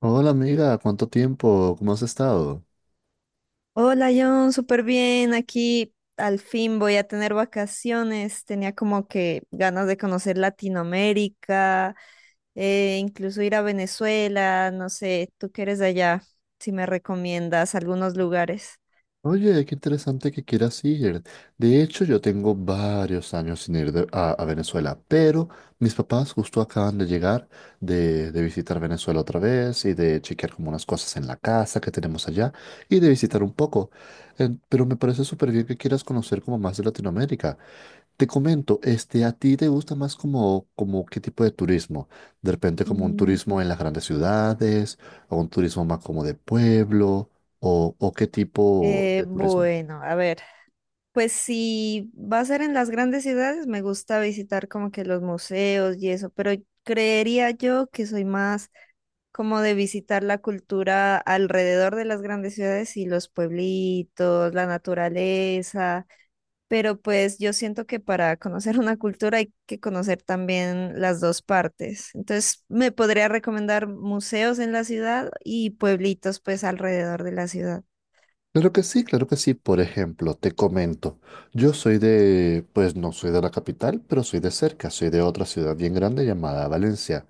Hola amiga, ¿cuánto tiempo? ¿Cómo has estado? Hola John, súper bien. Aquí al fin voy a tener vacaciones. Tenía como que ganas de conocer Latinoamérica, incluso ir a Venezuela. No sé, tú que eres de allá, si me recomiendas algunos lugares. Oye, qué interesante que quieras ir. De hecho, yo tengo varios años sin ir a Venezuela, pero mis papás justo acaban de llegar de visitar Venezuela otra vez y de chequear como unas cosas en la casa que tenemos allá y de visitar un poco. Pero me parece súper bien que quieras conocer como más de Latinoamérica. Te comento, ¿a ti te gusta más como qué tipo de turismo? De repente como un Mm. turismo en las grandes ciudades, o un turismo más como de pueblo, o qué tipo de turismo. Bueno, a ver, pues si va a ser en las grandes ciudades, me gusta visitar como que los museos y eso, pero creería yo que soy más como de visitar la cultura alrededor de las grandes ciudades y los pueblitos, la naturaleza, pero pues yo siento que para conocer una cultura hay que conocer también las dos partes. Entonces, me podría recomendar museos en la ciudad y pueblitos pues alrededor de la ciudad. Claro que sí, claro que sí. Por ejemplo, te comento, yo soy pues no soy de la capital, pero soy de cerca, soy de otra ciudad bien grande llamada Valencia.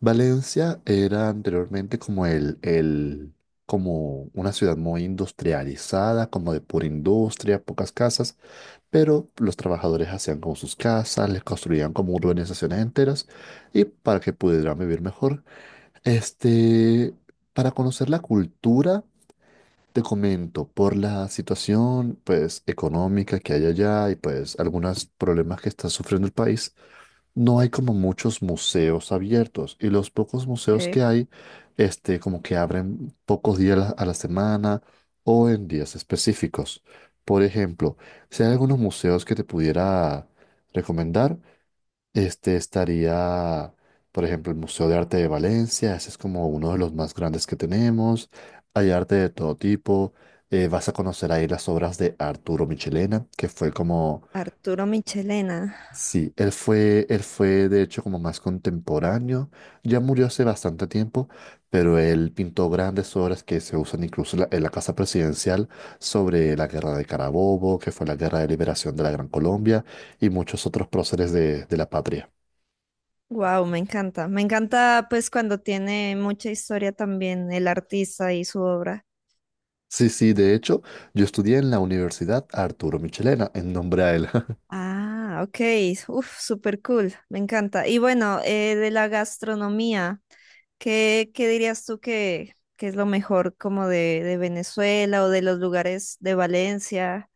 Valencia era anteriormente como como una ciudad muy industrializada, como de pura industria, pocas casas. Pero los trabajadores hacían como sus casas, les construían como urbanizaciones enteras y para que pudieran vivir mejor. Este, para conocer la cultura, te comento, por la situación pues económica que hay allá y pues algunos problemas que está sufriendo el país, no hay como muchos museos abiertos y los pocos museos Ok. que hay, como que abren pocos días a la semana o en días específicos. Por ejemplo, si hay algunos museos que te pudiera recomendar, este estaría, por ejemplo, el Museo de Arte de Valencia, ese es como uno de los más grandes que tenemos. Hay arte de todo tipo. Vas a conocer ahí las obras de Arturo Michelena, que fue como... Arturo Michelena. Sí, él fue de hecho como más contemporáneo, ya murió hace bastante tiempo, pero él pintó grandes obras que se usan incluso en la Casa Presidencial sobre la Guerra de Carabobo, que fue la Guerra de Liberación de la Gran Colombia y muchos otros próceres de la patria. Wow, me encanta. Me encanta pues cuando tiene mucha historia también el artista y su obra. Sí, sí, de hecho, yo estudié en la Universidad Arturo Michelena en nombre a él. Ah, ok. Uf, súper cool. Me encanta. Y bueno, de la gastronomía, ¿qué dirías tú que es lo mejor como de Venezuela o de los lugares de Valencia?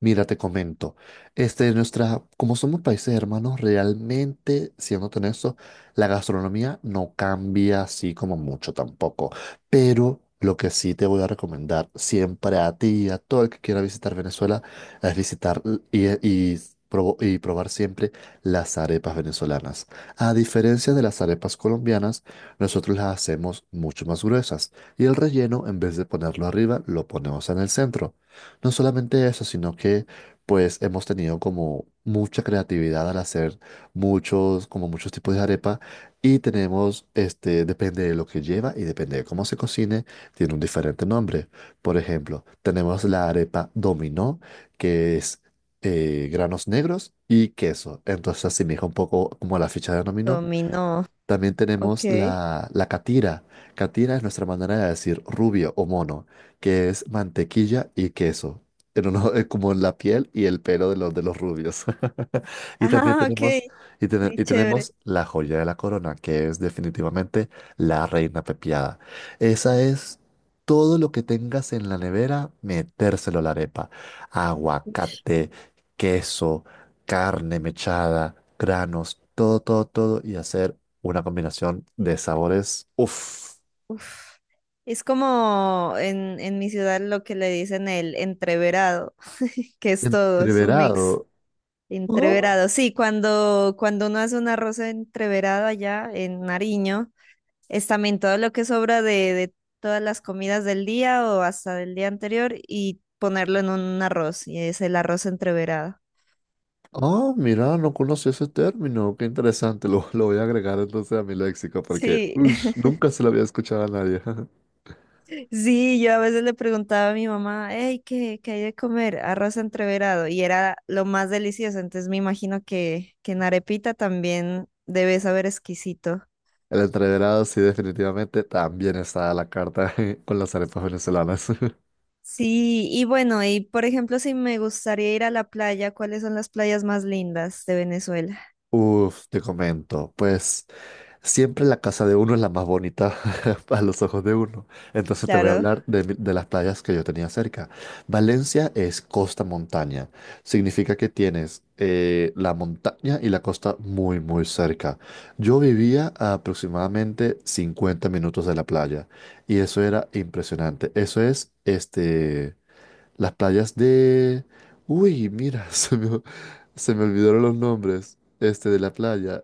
Mira, te comento, nuestra, como somos países hermanos, realmente, siendo honesto, la gastronomía no cambia así como mucho tampoco. Pero lo que sí te voy a recomendar siempre a ti y a todo el que quiera visitar Venezuela es visitar l- y probo- y probar siempre las arepas venezolanas. A diferencia de las arepas colombianas, nosotros las hacemos mucho más gruesas y el relleno, en vez de ponerlo arriba, lo ponemos en el centro. No solamente eso, sino que pues hemos tenido como mucha creatividad al hacer muchos tipos de arepa y tenemos, depende de lo que lleva y depende de cómo se cocine, tiene un diferente nombre. Por ejemplo, tenemos la arepa dominó, que es granos negros y queso. Entonces asemeja un poco como a la ficha de dominó. Dominó. También Ok. tenemos la catira. Catira es nuestra manera de decir rubio o mono, que es mantequilla y queso. Pero no, como la piel y el pelo de de los rubios. Y también Ah, ok. tenemos, y, tene- Muy y chévere. tenemos la joya de la corona, que es definitivamente la reina pepiada. Esa es todo lo que tengas en la nevera, metérselo a la arepa. Aguacate, queso, carne mechada, granos, todo, todo, todo, y hacer una combinación de sabores. Uf, Uf. Es como en mi ciudad lo que le dicen el entreverado, que es todo, es un mix. entreverado. Oh, Entreverado. Sí, cuando uno hace un arroz entreverado allá en Nariño. Es también todo lo que sobra de todas las comidas del día o hasta del día anterior y ponerlo en un arroz, y es el arroz entreverado. oh, mira, no conocí ese término. Qué interesante. Lo voy a agregar entonces a mi léxico porque Sí, ush, nunca se lo había escuchado a nadie. sí, yo a veces le preguntaba a mi mamá, hey, ¿qué hay de comer? Arroz entreverado, y era lo más delicioso, entonces me imagino que en arepita también debe saber exquisito. El entreverado, sí, definitivamente también está a la carta con las arepas venezolanas. Sí, y bueno, y por ejemplo, si me gustaría ir a la playa, ¿cuáles son las playas más lindas de Venezuela? Uf, te comento. Pues. Siempre la casa de uno es la más bonita a los ojos de uno. Entonces te voy a Claro, hablar de las playas que yo tenía cerca. Valencia es costa-montaña. Significa que tienes la montaña y la costa muy, muy cerca. Yo vivía a aproximadamente 50 minutos de la playa y eso era impresionante. Eso es las playas de... Uy, mira, se me olvidaron los nombres de la playa.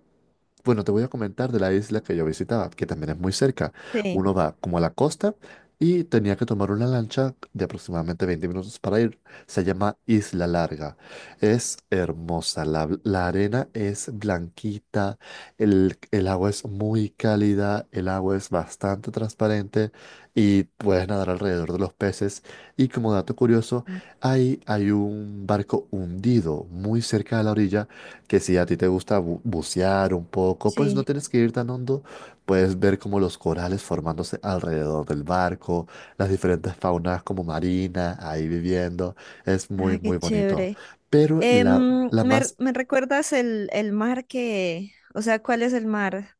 Bueno, te voy a comentar de la isla que yo visitaba, que también es muy cerca. sí, Uno va como a la costa y tenía que tomar una lancha de aproximadamente 20 minutos para ir. Se llama Isla Larga. Es hermosa, la arena es blanquita, el agua es muy cálida, el agua es bastante transparente y puedes nadar alrededor de los peces. Y como dato curioso, ahí hay un barco hundido muy cerca de la orilla que si a ti te gusta bucear un poco, pues no sí. tienes que ir tan hondo, puedes ver como los corales formándose alrededor del barco, las diferentes faunas como marina ahí viviendo, es muy Ah, qué muy bonito. chévere. Pero ¿me, me recuerdas el mar que, o sea, cuál es el mar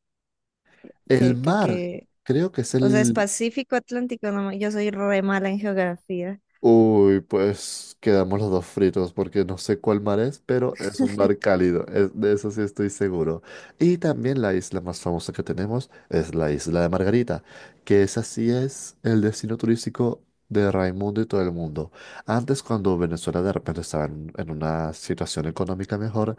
el que, que, mar que, creo que es o sea, es el... Pacífico, Atlántico? No, yo soy re mala en geografía. Uy, pues quedamos los dos fritos porque no sé cuál mar es, pero es un mar cálido, de eso sí estoy seguro. Y también la isla más famosa que tenemos es la isla de Margarita, que esa sí es el destino turístico de Raimundo y todo el mundo. Antes, cuando Venezuela de repente estaba en una situación económica mejor,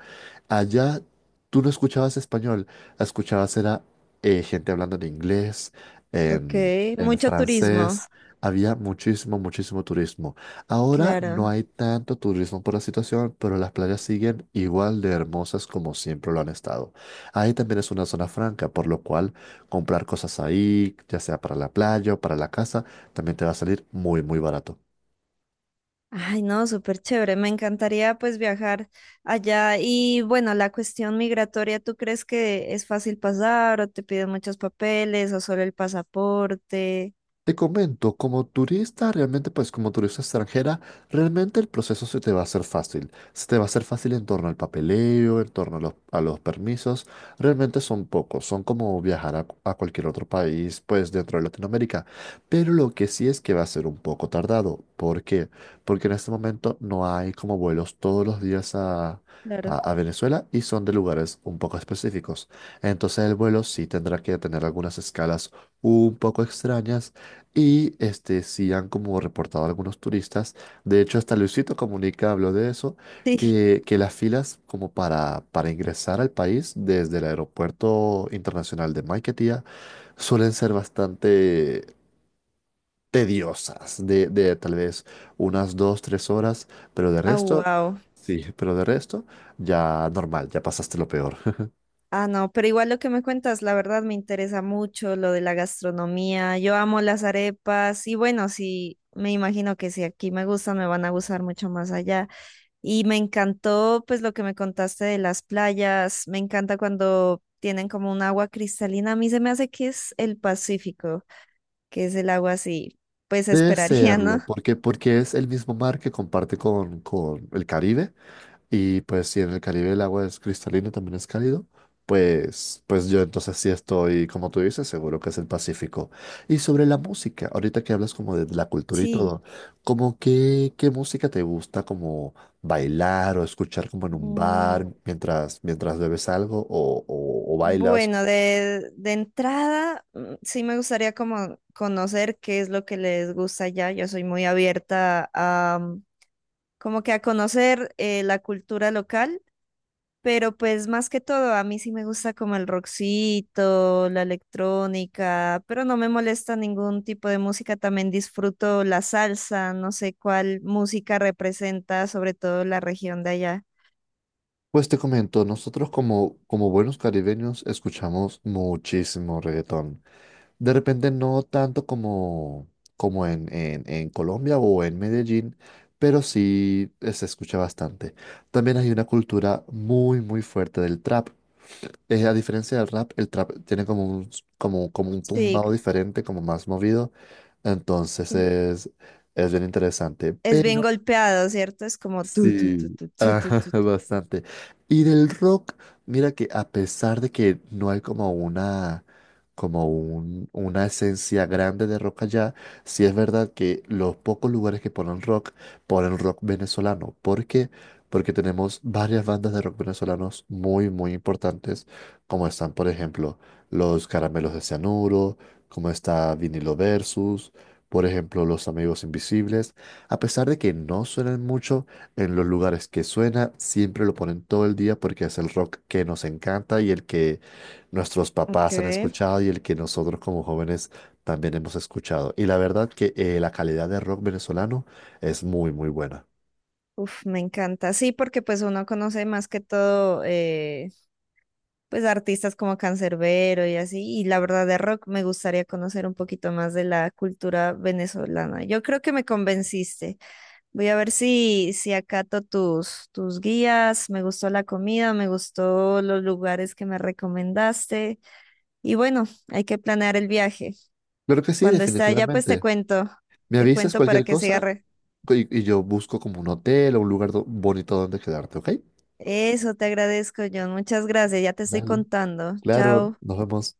allá tú no escuchabas español, escuchabas era gente hablando en inglés, Ok, en mucho turismo, francés, había muchísimo, muchísimo turismo. Ahora no claro. hay tanto turismo por la situación, pero las playas siguen igual de hermosas como siempre lo han estado. Ahí también es una zona franca, por lo cual comprar cosas ahí, ya sea para la playa o para la casa, también te va a salir muy, muy barato. Ay, no, súper chévere. Me encantaría pues viajar allá. Y bueno, la cuestión migratoria, ¿tú crees que es fácil pasar o te piden muchos papeles o solo el pasaporte? Te comento, como turista, realmente, pues como turista extranjera, realmente el proceso se te va a hacer fácil. Se te va a hacer fácil en torno al papeleo, en torno a los permisos. Realmente son pocos, son como viajar a cualquier otro país, pues dentro de Latinoamérica. Pero lo que sí es que va a ser un poco tardado. ¿Por qué? Porque en este momento no hay como vuelos todos los días a... Claro. A Venezuela y son de lugares un poco específicos. Entonces el vuelo sí tendrá que tener algunas escalas un poco extrañas y sí han como reportado algunos turistas, de hecho hasta Luisito Comunica habló de eso, Sí. Que las filas como para ingresar al país desde el aeropuerto internacional de Maiquetía suelen ser bastante tediosas, de tal vez unas 2, 3 horas, pero de Ah, resto, wow. sí, pero de resto ya normal, ya pasaste lo peor. Ah, no, pero igual lo que me cuentas, la verdad me interesa mucho lo de la gastronomía. Yo amo las arepas y bueno, sí, me imagino que si aquí me gustan, me van a gustar mucho más allá. Y me encantó pues lo que me contaste de las playas. Me encanta cuando tienen como un agua cristalina. A mí se me hace que es el Pacífico, que es el agua así, pues Debe esperaría, ¿no? serlo, porque, porque es el mismo mar que comparte con el Caribe. Y pues si en el Caribe el agua es cristalina, también es cálido, pues yo entonces sí estoy, como tú dices, seguro que es el Pacífico. Y sobre la música, ahorita que hablas como de la cultura y Sí. todo, como qué música te gusta como bailar o escuchar como en un bar Mm. Mientras bebes algo o bailas? Bueno, de entrada, mm, sí me gustaría como conocer qué es lo que les gusta allá. Yo soy muy abierta a mm, como que a conocer la cultura local, pero pues más que todo, a mí sí me gusta como el rockcito, la electrónica, pero no me molesta ningún tipo de música. También disfruto la salsa, no sé cuál música representa sobre todo la región de allá. Pues te comento, nosotros como buenos caribeños escuchamos muchísimo reggaetón. De repente no tanto como en Colombia o en Medellín, pero sí se escucha bastante. También hay una cultura muy, muy fuerte del trap. A diferencia del rap, el trap tiene como como un Sí. tumbado diferente, como más movido. Entonces es bien interesante. Es bien Pero... golpeado, ¿cierto? Es como tu, tu, tu, Sí, tu, tu, tu, ajá, tu, tu. tú. bastante. Y del rock, mira que a pesar de que no hay como una esencia grande de rock allá, sí es verdad que los pocos lugares que ponen rock venezolano. ¿Por qué? Porque tenemos varias bandas de rock venezolanos muy, muy importantes, como están, por ejemplo, los Caramelos de Cianuro, como está Vinilo Versus, por ejemplo, los Amigos Invisibles. A pesar de que no suenan mucho, en los lugares que suena, siempre lo ponen todo el día porque es el rock que nos encanta y el que nuestros Ok. papás han escuchado y el que nosotros como jóvenes también hemos escuchado. Y la verdad que la calidad de rock venezolano es muy, muy buena. Uf, me encanta. Sí, porque pues uno conoce más que todo, pues artistas como Canserbero y así. Y la verdad de rock me gustaría conocer un poquito más de la cultura venezolana. Yo creo que me convenciste. Voy a ver si acato tus guías. Me gustó la comida, me gustó los lugares que me recomendaste. Y bueno, hay que planear el viaje. Claro que sí, Cuando está allá, pues definitivamente. Me te avisas cuento para cualquier que se cosa agarre. Y yo busco como un hotel o un lugar bonito donde quedarte, ¿ok? Eso te agradezco, John. Muchas gracias, ya te estoy Dale. contando. Claro, Chao. nos vemos.